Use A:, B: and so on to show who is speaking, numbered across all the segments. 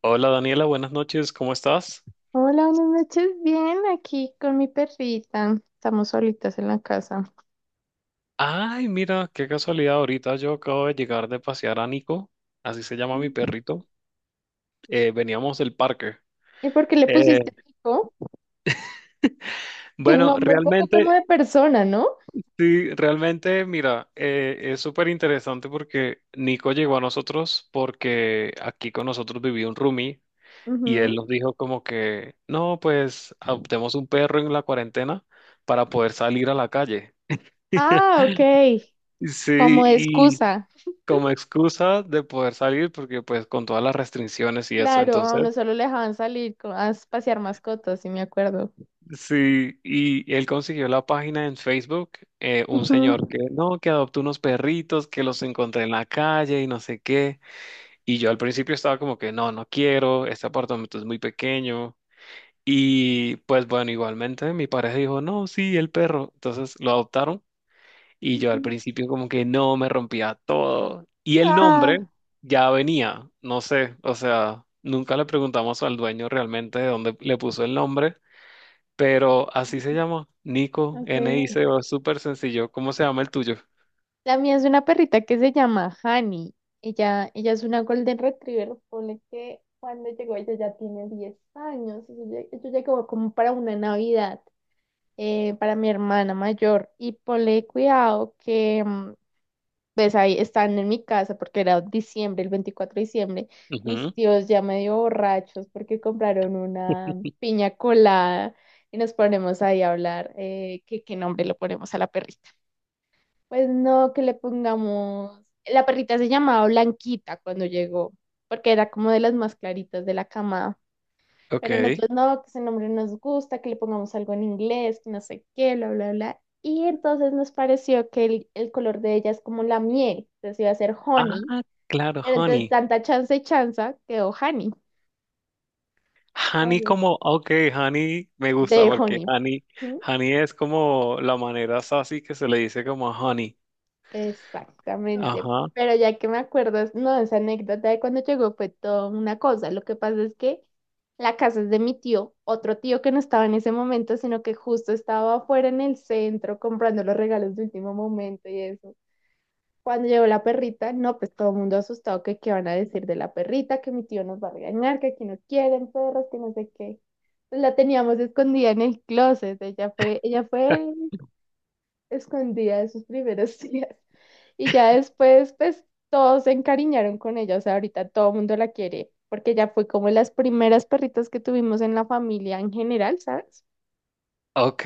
A: Hola Daniela, buenas noches, ¿cómo estás?
B: Hola, buenas noches. Bien, aquí con mi perrita. Estamos solitas en la casa.
A: Ay, mira, qué casualidad, ahorita yo acabo de llegar de pasear a Nico, así se llama mi perrito. Veníamos del parque.
B: ¿Y por qué le
A: Eh,
B: pusiste Nico? Es un
A: bueno,
B: nombre un poco como
A: realmente,
B: de persona, ¿no?
A: sí, realmente, mira, es súper interesante porque Nico llegó a nosotros porque aquí con nosotros vivía un roomie y él
B: Ujú.
A: nos dijo como que, no, pues adoptemos un perro en la cuarentena para poder salir a la calle.
B: Ah, ok.
A: Sí,
B: Como de
A: y
B: excusa.
A: como excusa de poder salir, porque pues con todas las restricciones y eso,
B: Claro, a
A: entonces,
B: uno solo le dejaban salir a pasear mascotas, si me acuerdo.
A: sí, y él consiguió la página en Facebook, un señor
B: Ujú.
A: que no, que adoptó unos perritos, que los encontré en la calle y no sé qué, y yo al principio estaba como que no, no quiero, este apartamento es muy pequeño, y pues bueno, igualmente mi pareja dijo, no, sí, el perro, entonces lo adoptaron. Y yo al
B: Ujú.
A: principio como que no me rompía todo. Y el nombre
B: Ah,
A: ya venía, no sé, o sea, nunca le preguntamos al dueño realmente de dónde le puso el nombre, pero así se llama, Nico,
B: ok.
A: Nico, es súper sencillo. ¿Cómo se llama el tuyo?
B: La mía es una perrita que se llama Hani. Ella es una Golden Retriever. Pone que cuando llegó ella ya tiene 10 años. Eso ya como, como para una Navidad, para mi hermana mayor. Y ponle cuidado que, pues ahí están en mi casa porque era diciembre, el 24 de diciembre. Mis
A: Ujú.
B: tíos ya medio borrachos porque compraron una piña colada y nos ponemos ahí a hablar que qué nombre le ponemos a la perrita. Pues no, que le pongamos. La perrita se llamaba Blanquita cuando llegó, porque era como de las más claritas de la camada.
A: Ok.
B: Pero nosotros no, que ese nombre nos gusta, que le pongamos algo en inglés, que no sé qué, bla, bla, bla. Y entonces nos pareció que el color de ella es como la miel, entonces iba a ser honey,
A: Ah, claro,
B: pero entre
A: honey.
B: tanta chance y chanza quedó honey.
A: Honey
B: Ay,
A: como, ok, honey me gusta
B: de
A: porque
B: honey.
A: honey, honey es como la manera sassy que se le dice como a honey.
B: Exactamente.
A: Ajá.
B: Pero ya que me acuerdas, no, esa anécdota de cuando llegó fue toda una cosa. Lo que pasa es que la casa es de mi tío, otro tío que no estaba en ese momento, sino que justo estaba afuera en el centro comprando los regalos de último momento y eso. Cuando llegó la perrita, no, pues todo el mundo asustado que qué van a decir de la perrita, que mi tío nos va a regañar, que aquí no quieren perros, que no sé qué. Pues la teníamos escondida en el closet. Ella fue escondida de sus primeros días. Y ya después, pues todos se encariñaron con ella, o sea, ahorita todo el mundo la quiere, porque ya fue como las primeras perritas que tuvimos en la familia en general, ¿sabes?
A: Ok,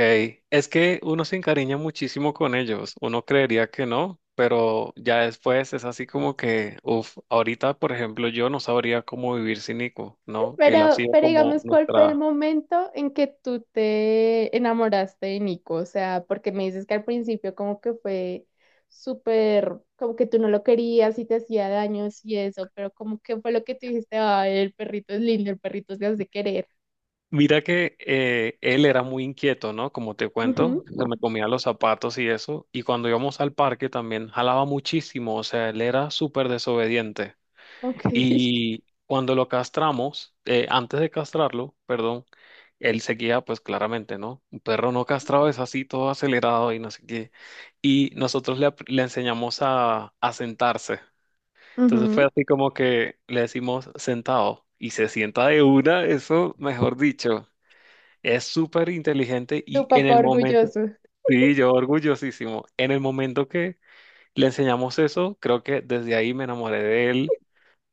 A: es que uno se encariña muchísimo con ellos, uno creería que no, pero ya después es así como que, uff, ahorita por ejemplo yo no sabría cómo vivir sin Nico, ¿no? Él ha
B: Pero,
A: sido
B: pero
A: como
B: digamos, ¿cuál fue el
A: nuestra...
B: momento en que tú te enamoraste de Nico? O sea, porque me dices que al principio como que fue súper, como que tú no lo querías y te hacía daños y eso, pero como que fue lo que te dijiste, ay, el perrito es lindo, el perrito se hace querer.
A: Mira que él era muy inquieto, ¿no? Como te
B: Ujú,
A: cuento, que se me comía los zapatos y eso, y cuando íbamos al parque también jalaba muchísimo, o sea, él era súper desobediente.
B: ok.
A: Y cuando lo castramos, antes de castrarlo, perdón, él seguía, pues claramente, ¿no? Un perro no castrado es así, todo acelerado y no sé qué. Y nosotros le enseñamos a sentarse. Entonces fue
B: Ujú.
A: así como que le decimos sentado y se sienta de una, eso, mejor dicho, es súper inteligente y
B: Tu
A: en
B: papá
A: el momento,
B: orgulloso.
A: sí, yo orgullosísimo, en el momento que le enseñamos eso, creo que desde ahí me enamoré de él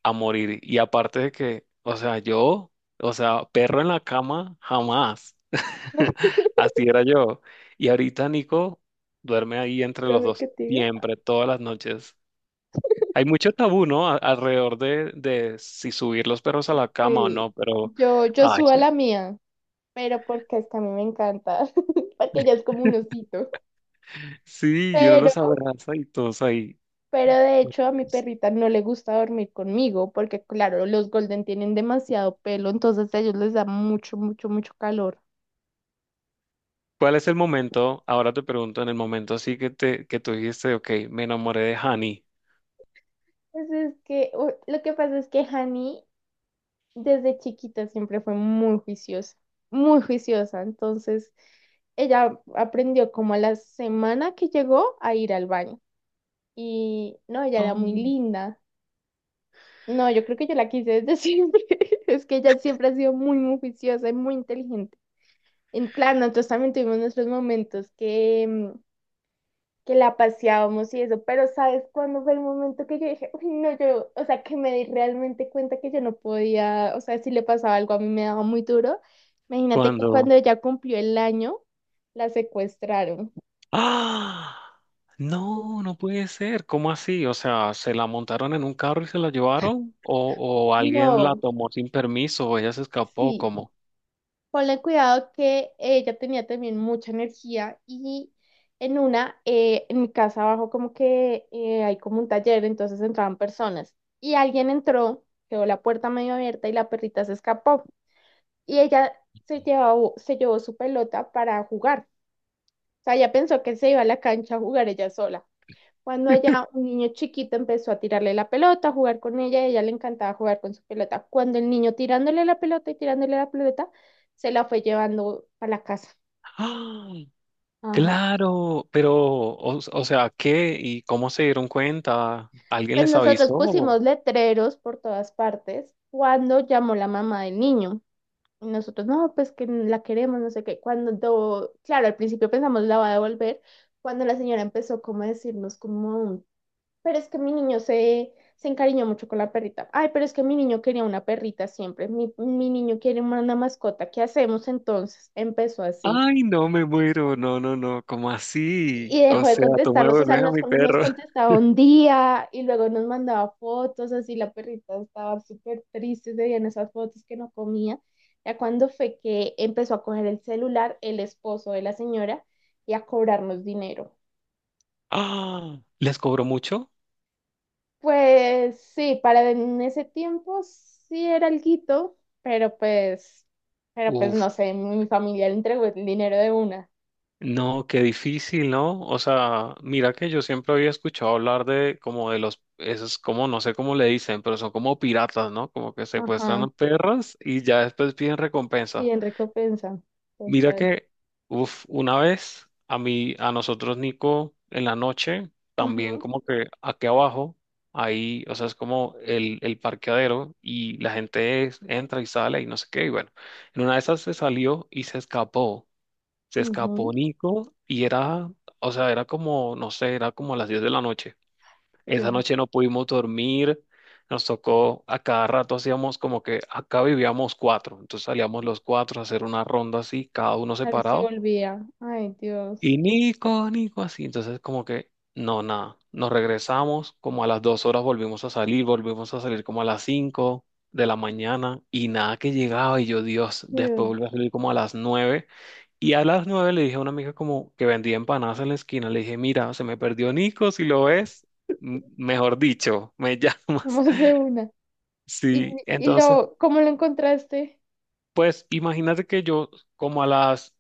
A: a morir. Y aparte de que, o sea, yo, o sea, perro en la cama, jamás. Así era yo. Y ahorita Nico duerme ahí entre los
B: ¿Dame
A: dos,
B: que te diga?
A: siempre, todas las noches. Hay mucho tabú, ¿no? Alrededor de, si subir los perros a la cama o
B: Sí.
A: no, pero,
B: Yo
A: ay,
B: subo a la mía, pero porque es que a mí me encanta, porque ella es como un osito.
A: sí, y uno
B: Pero,
A: los abraza y todos ahí.
B: pero de hecho a mi perrita no le gusta dormir conmigo, porque claro, los golden tienen demasiado pelo, entonces a ellos les da mucho, mucho, mucho calor.
A: ¿Cuál es el momento? Ahora te pregunto, en el momento así que te que tú dijiste, ok, me enamoré de Hani.
B: Entonces es que lo que pasa es que Hani desde chiquita siempre fue muy juiciosa, muy juiciosa. Entonces, ella aprendió como a la semana que llegó a ir al baño. Y no, ella era muy
A: Mm.
B: linda. No, yo creo que yo la quise desde siempre. Es que ella siempre ha sido muy, muy juiciosa y muy inteligente. En claro, nosotros también tuvimos nuestros momentos que, que la paseábamos y eso, pero ¿sabes cuándo fue el momento que yo dije, uy, no, yo, o sea, que me di realmente cuenta que yo no podía, o sea, si le pasaba algo a mí me daba muy duro. Imagínate que
A: Cuando
B: cuando ella cumplió el año, la secuestraron.
A: ¡ah! No, no puede ser. ¿Cómo así? O sea, ¿se la montaron en un carro y se la llevaron? O alguien la
B: No,
A: tomó sin permiso o ella se escapó?
B: sí.
A: ¿Cómo?
B: Ponle cuidado que ella tenía también mucha energía y en una, en mi casa abajo como que hay como un taller, entonces entraban personas y alguien entró, quedó la puerta medio abierta y la perrita se escapó. Y ella se llevó su pelota para jugar. O sea, ella pensó que se iba a la cancha a jugar ella sola. Cuando ella, un niño chiquito, empezó a tirarle la pelota, a jugar con ella, y a ella le encantaba jugar con su pelota. Cuando el niño tirándole la pelota y tirándole la pelota, se la fue llevando a la casa.
A: ¡Ah!
B: Ajá.
A: Claro, pero, o sea, ¿qué? ¿Y cómo se dieron cuenta? ¿Alguien
B: Pues
A: les
B: nosotros
A: avisó?
B: pusimos letreros por todas partes cuando llamó la mamá del niño. Y nosotros, no, pues que la queremos, no sé qué. Cuando, claro, al principio pensamos la va a devolver, cuando la señora empezó como a decirnos como, pero es que mi niño se encariñó mucho con la perrita. Ay, pero es que mi niño quería una perrita siempre. Mi niño quiere una mascota. ¿Qué hacemos entonces? Empezó así.
A: Ay, no me muero. No, no, no. ¿Cómo
B: Y
A: así? O
B: dejó de
A: sea, tú me
B: contestarnos, o sea,
A: devuelves a
B: nos,
A: mi
B: nos
A: perro.
B: contestaba un día y luego nos mandaba fotos, así la perrita estaba súper triste, se veían esas fotos que no comía. Ya cuando fue que empezó a coger el celular el esposo de la señora y a cobrarnos dinero.
A: ¡Ah! ¿Les cobró mucho?
B: Pues sí, para en ese tiempo sí era alguito, pero pues
A: Uf.
B: no sé, mi familia le entregó el dinero de una.
A: No, qué difícil, ¿no? O sea, mira que yo siempre había escuchado hablar de como de los, esos como, no sé cómo le dicen, pero son como piratas, ¿no? Como que secuestran
B: Ajá,
A: a perras y ya después piden
B: sí,
A: recompensa.
B: en recompensa,
A: Mira
B: total.
A: que, uff, una vez a mí, a nosotros, Nico, en la noche, también
B: Ajá,
A: como que aquí abajo, ahí, o sea, es como el parqueadero y la gente entra y sale y no sé qué, y bueno, en una de esas se salió y se escapó. Se
B: ajá,
A: escapó Nico y era, o sea, era como, no sé, era como las 10 de la noche.
B: qué.
A: Esa noche no pudimos dormir, nos tocó, a cada rato hacíamos como que acá vivíamos cuatro, entonces salíamos los cuatro a hacer una ronda así, cada uno
B: A ver si
A: separado,
B: volvía. Ay,
A: y
B: Dios.
A: Nico, Nico, así. Entonces, como que, no, nada. Nos regresamos, como a las 2 horas volvimos a salir como a las 5 de la mañana y nada que llegaba. Y yo, Dios, después
B: Dios.
A: volví a salir como a las 9. Y a las 9 le dije a una amiga como que vendía empanadas en la esquina, le dije, mira, se me perdió Nico, si lo ves, mejor dicho, me llamas.
B: Vamos de una. ¿Y,
A: Sí,
B: y
A: entonces
B: lo, cómo lo encontraste?
A: pues imagínate que yo como a las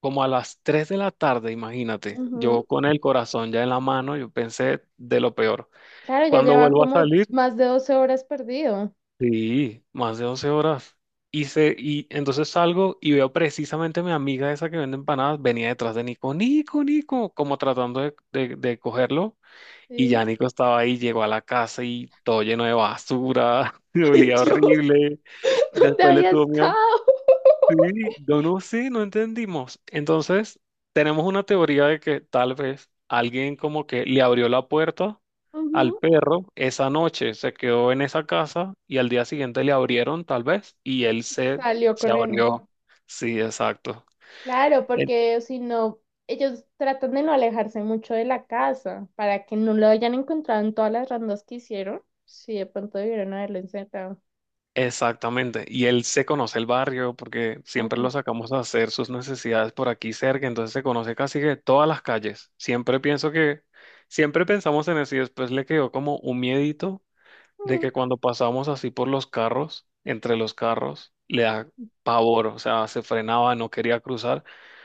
A: como a las 3 de la tarde, imagínate, yo
B: Ujú.
A: con el corazón ya en la mano, yo pensé de lo peor.
B: Claro, ya
A: Cuando
B: lleva
A: vuelvo a
B: como
A: salir,
B: más de 12 horas perdido.
A: sí, más de 11 horas. Y, se, y entonces salgo y veo precisamente a mi amiga esa que vende empanadas, venía detrás de Nico, Nico, Nico, como tratando de cogerlo. Y
B: Sí.
A: ya Nico estaba ahí, llegó a la casa y todo lleno de basura, y
B: ¡Ay,
A: olía
B: Dios!
A: horrible.
B: ¿Dónde
A: Después le
B: había
A: tuvo miedo.
B: estado?
A: Sí, yo no, sé, no entendimos. Entonces, tenemos una teoría de que tal vez alguien como que le abrió la puerta
B: Ujú.
A: al perro esa noche, se quedó en esa casa y al día siguiente le abrieron tal vez y él se,
B: Salió
A: se
B: corriendo.
A: abrió. Sí, exacto.
B: Claro,
A: E-
B: porque si no, ellos tratan de no alejarse mucho de la casa para que no lo hayan encontrado en todas las rondas que hicieron. Sí, de pronto debieron haberlo encerrado.
A: Exactamente. Y él se conoce el barrio porque siempre lo
B: Claro.
A: sacamos a hacer sus necesidades por aquí cerca, entonces se conoce casi que todas las calles. Siempre pensamos en eso y después le quedó como un miedito de que cuando pasamos así por los carros, entre los carros, le da pavor, o sea, se frenaba, no quería cruzar.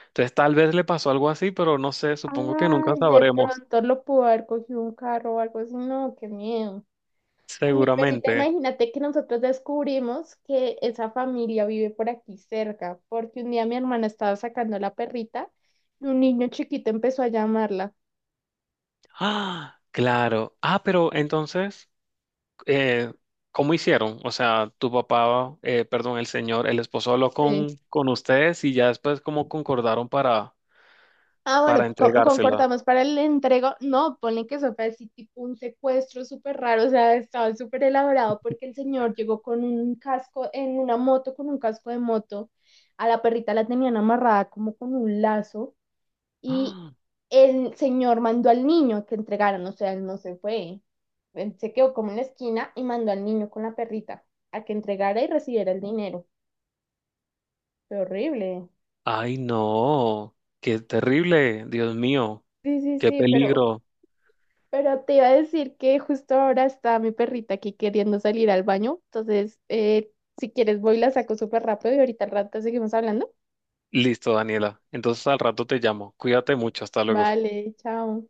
A: Entonces tal vez le pasó algo así, pero no sé, supongo que nunca
B: Ay, de
A: sabremos,
B: pronto lo pudo haber cogido un carro o algo así. No, qué miedo. A mi perrita,
A: seguramente.
B: imagínate que nosotros descubrimos que esa familia vive por aquí cerca, porque un día mi hermana estaba sacando a la perrita y un niño chiquito empezó a llamarla.
A: Ah, claro. Ah, pero entonces, eh, ¿cómo hicieron? O sea, tu papá, perdón, el señor, el esposo habló con,
B: Sí.
A: con ustedes y ya después cómo concordaron
B: Ah, bueno,
A: para entregársela.
B: concordamos para el entrego. No, ponle que eso fue así, tipo un secuestro súper raro, o sea, estaba súper elaborado porque el señor llegó con un casco, en una moto, con un casco de moto. A la perrita la tenían amarrada como con un lazo y
A: Ah,
B: el señor mandó al niño a que entregaran, o sea, él no se fue. Él se quedó como en la esquina y mandó al niño con la perrita a que entregara y recibiera el dinero. Fue horrible.
A: ay, no, qué terrible, Dios mío,
B: Sí, sí,
A: qué
B: sí, pero.
A: peligro.
B: Pero te iba a decir que justo ahora está mi perrita aquí queriendo salir al baño. Entonces, si quieres, voy y la saco súper rápido y ahorita al rato seguimos hablando.
A: Listo, Daniela. Entonces al rato te llamo. Cuídate mucho. Hasta luego.
B: Vale, chao.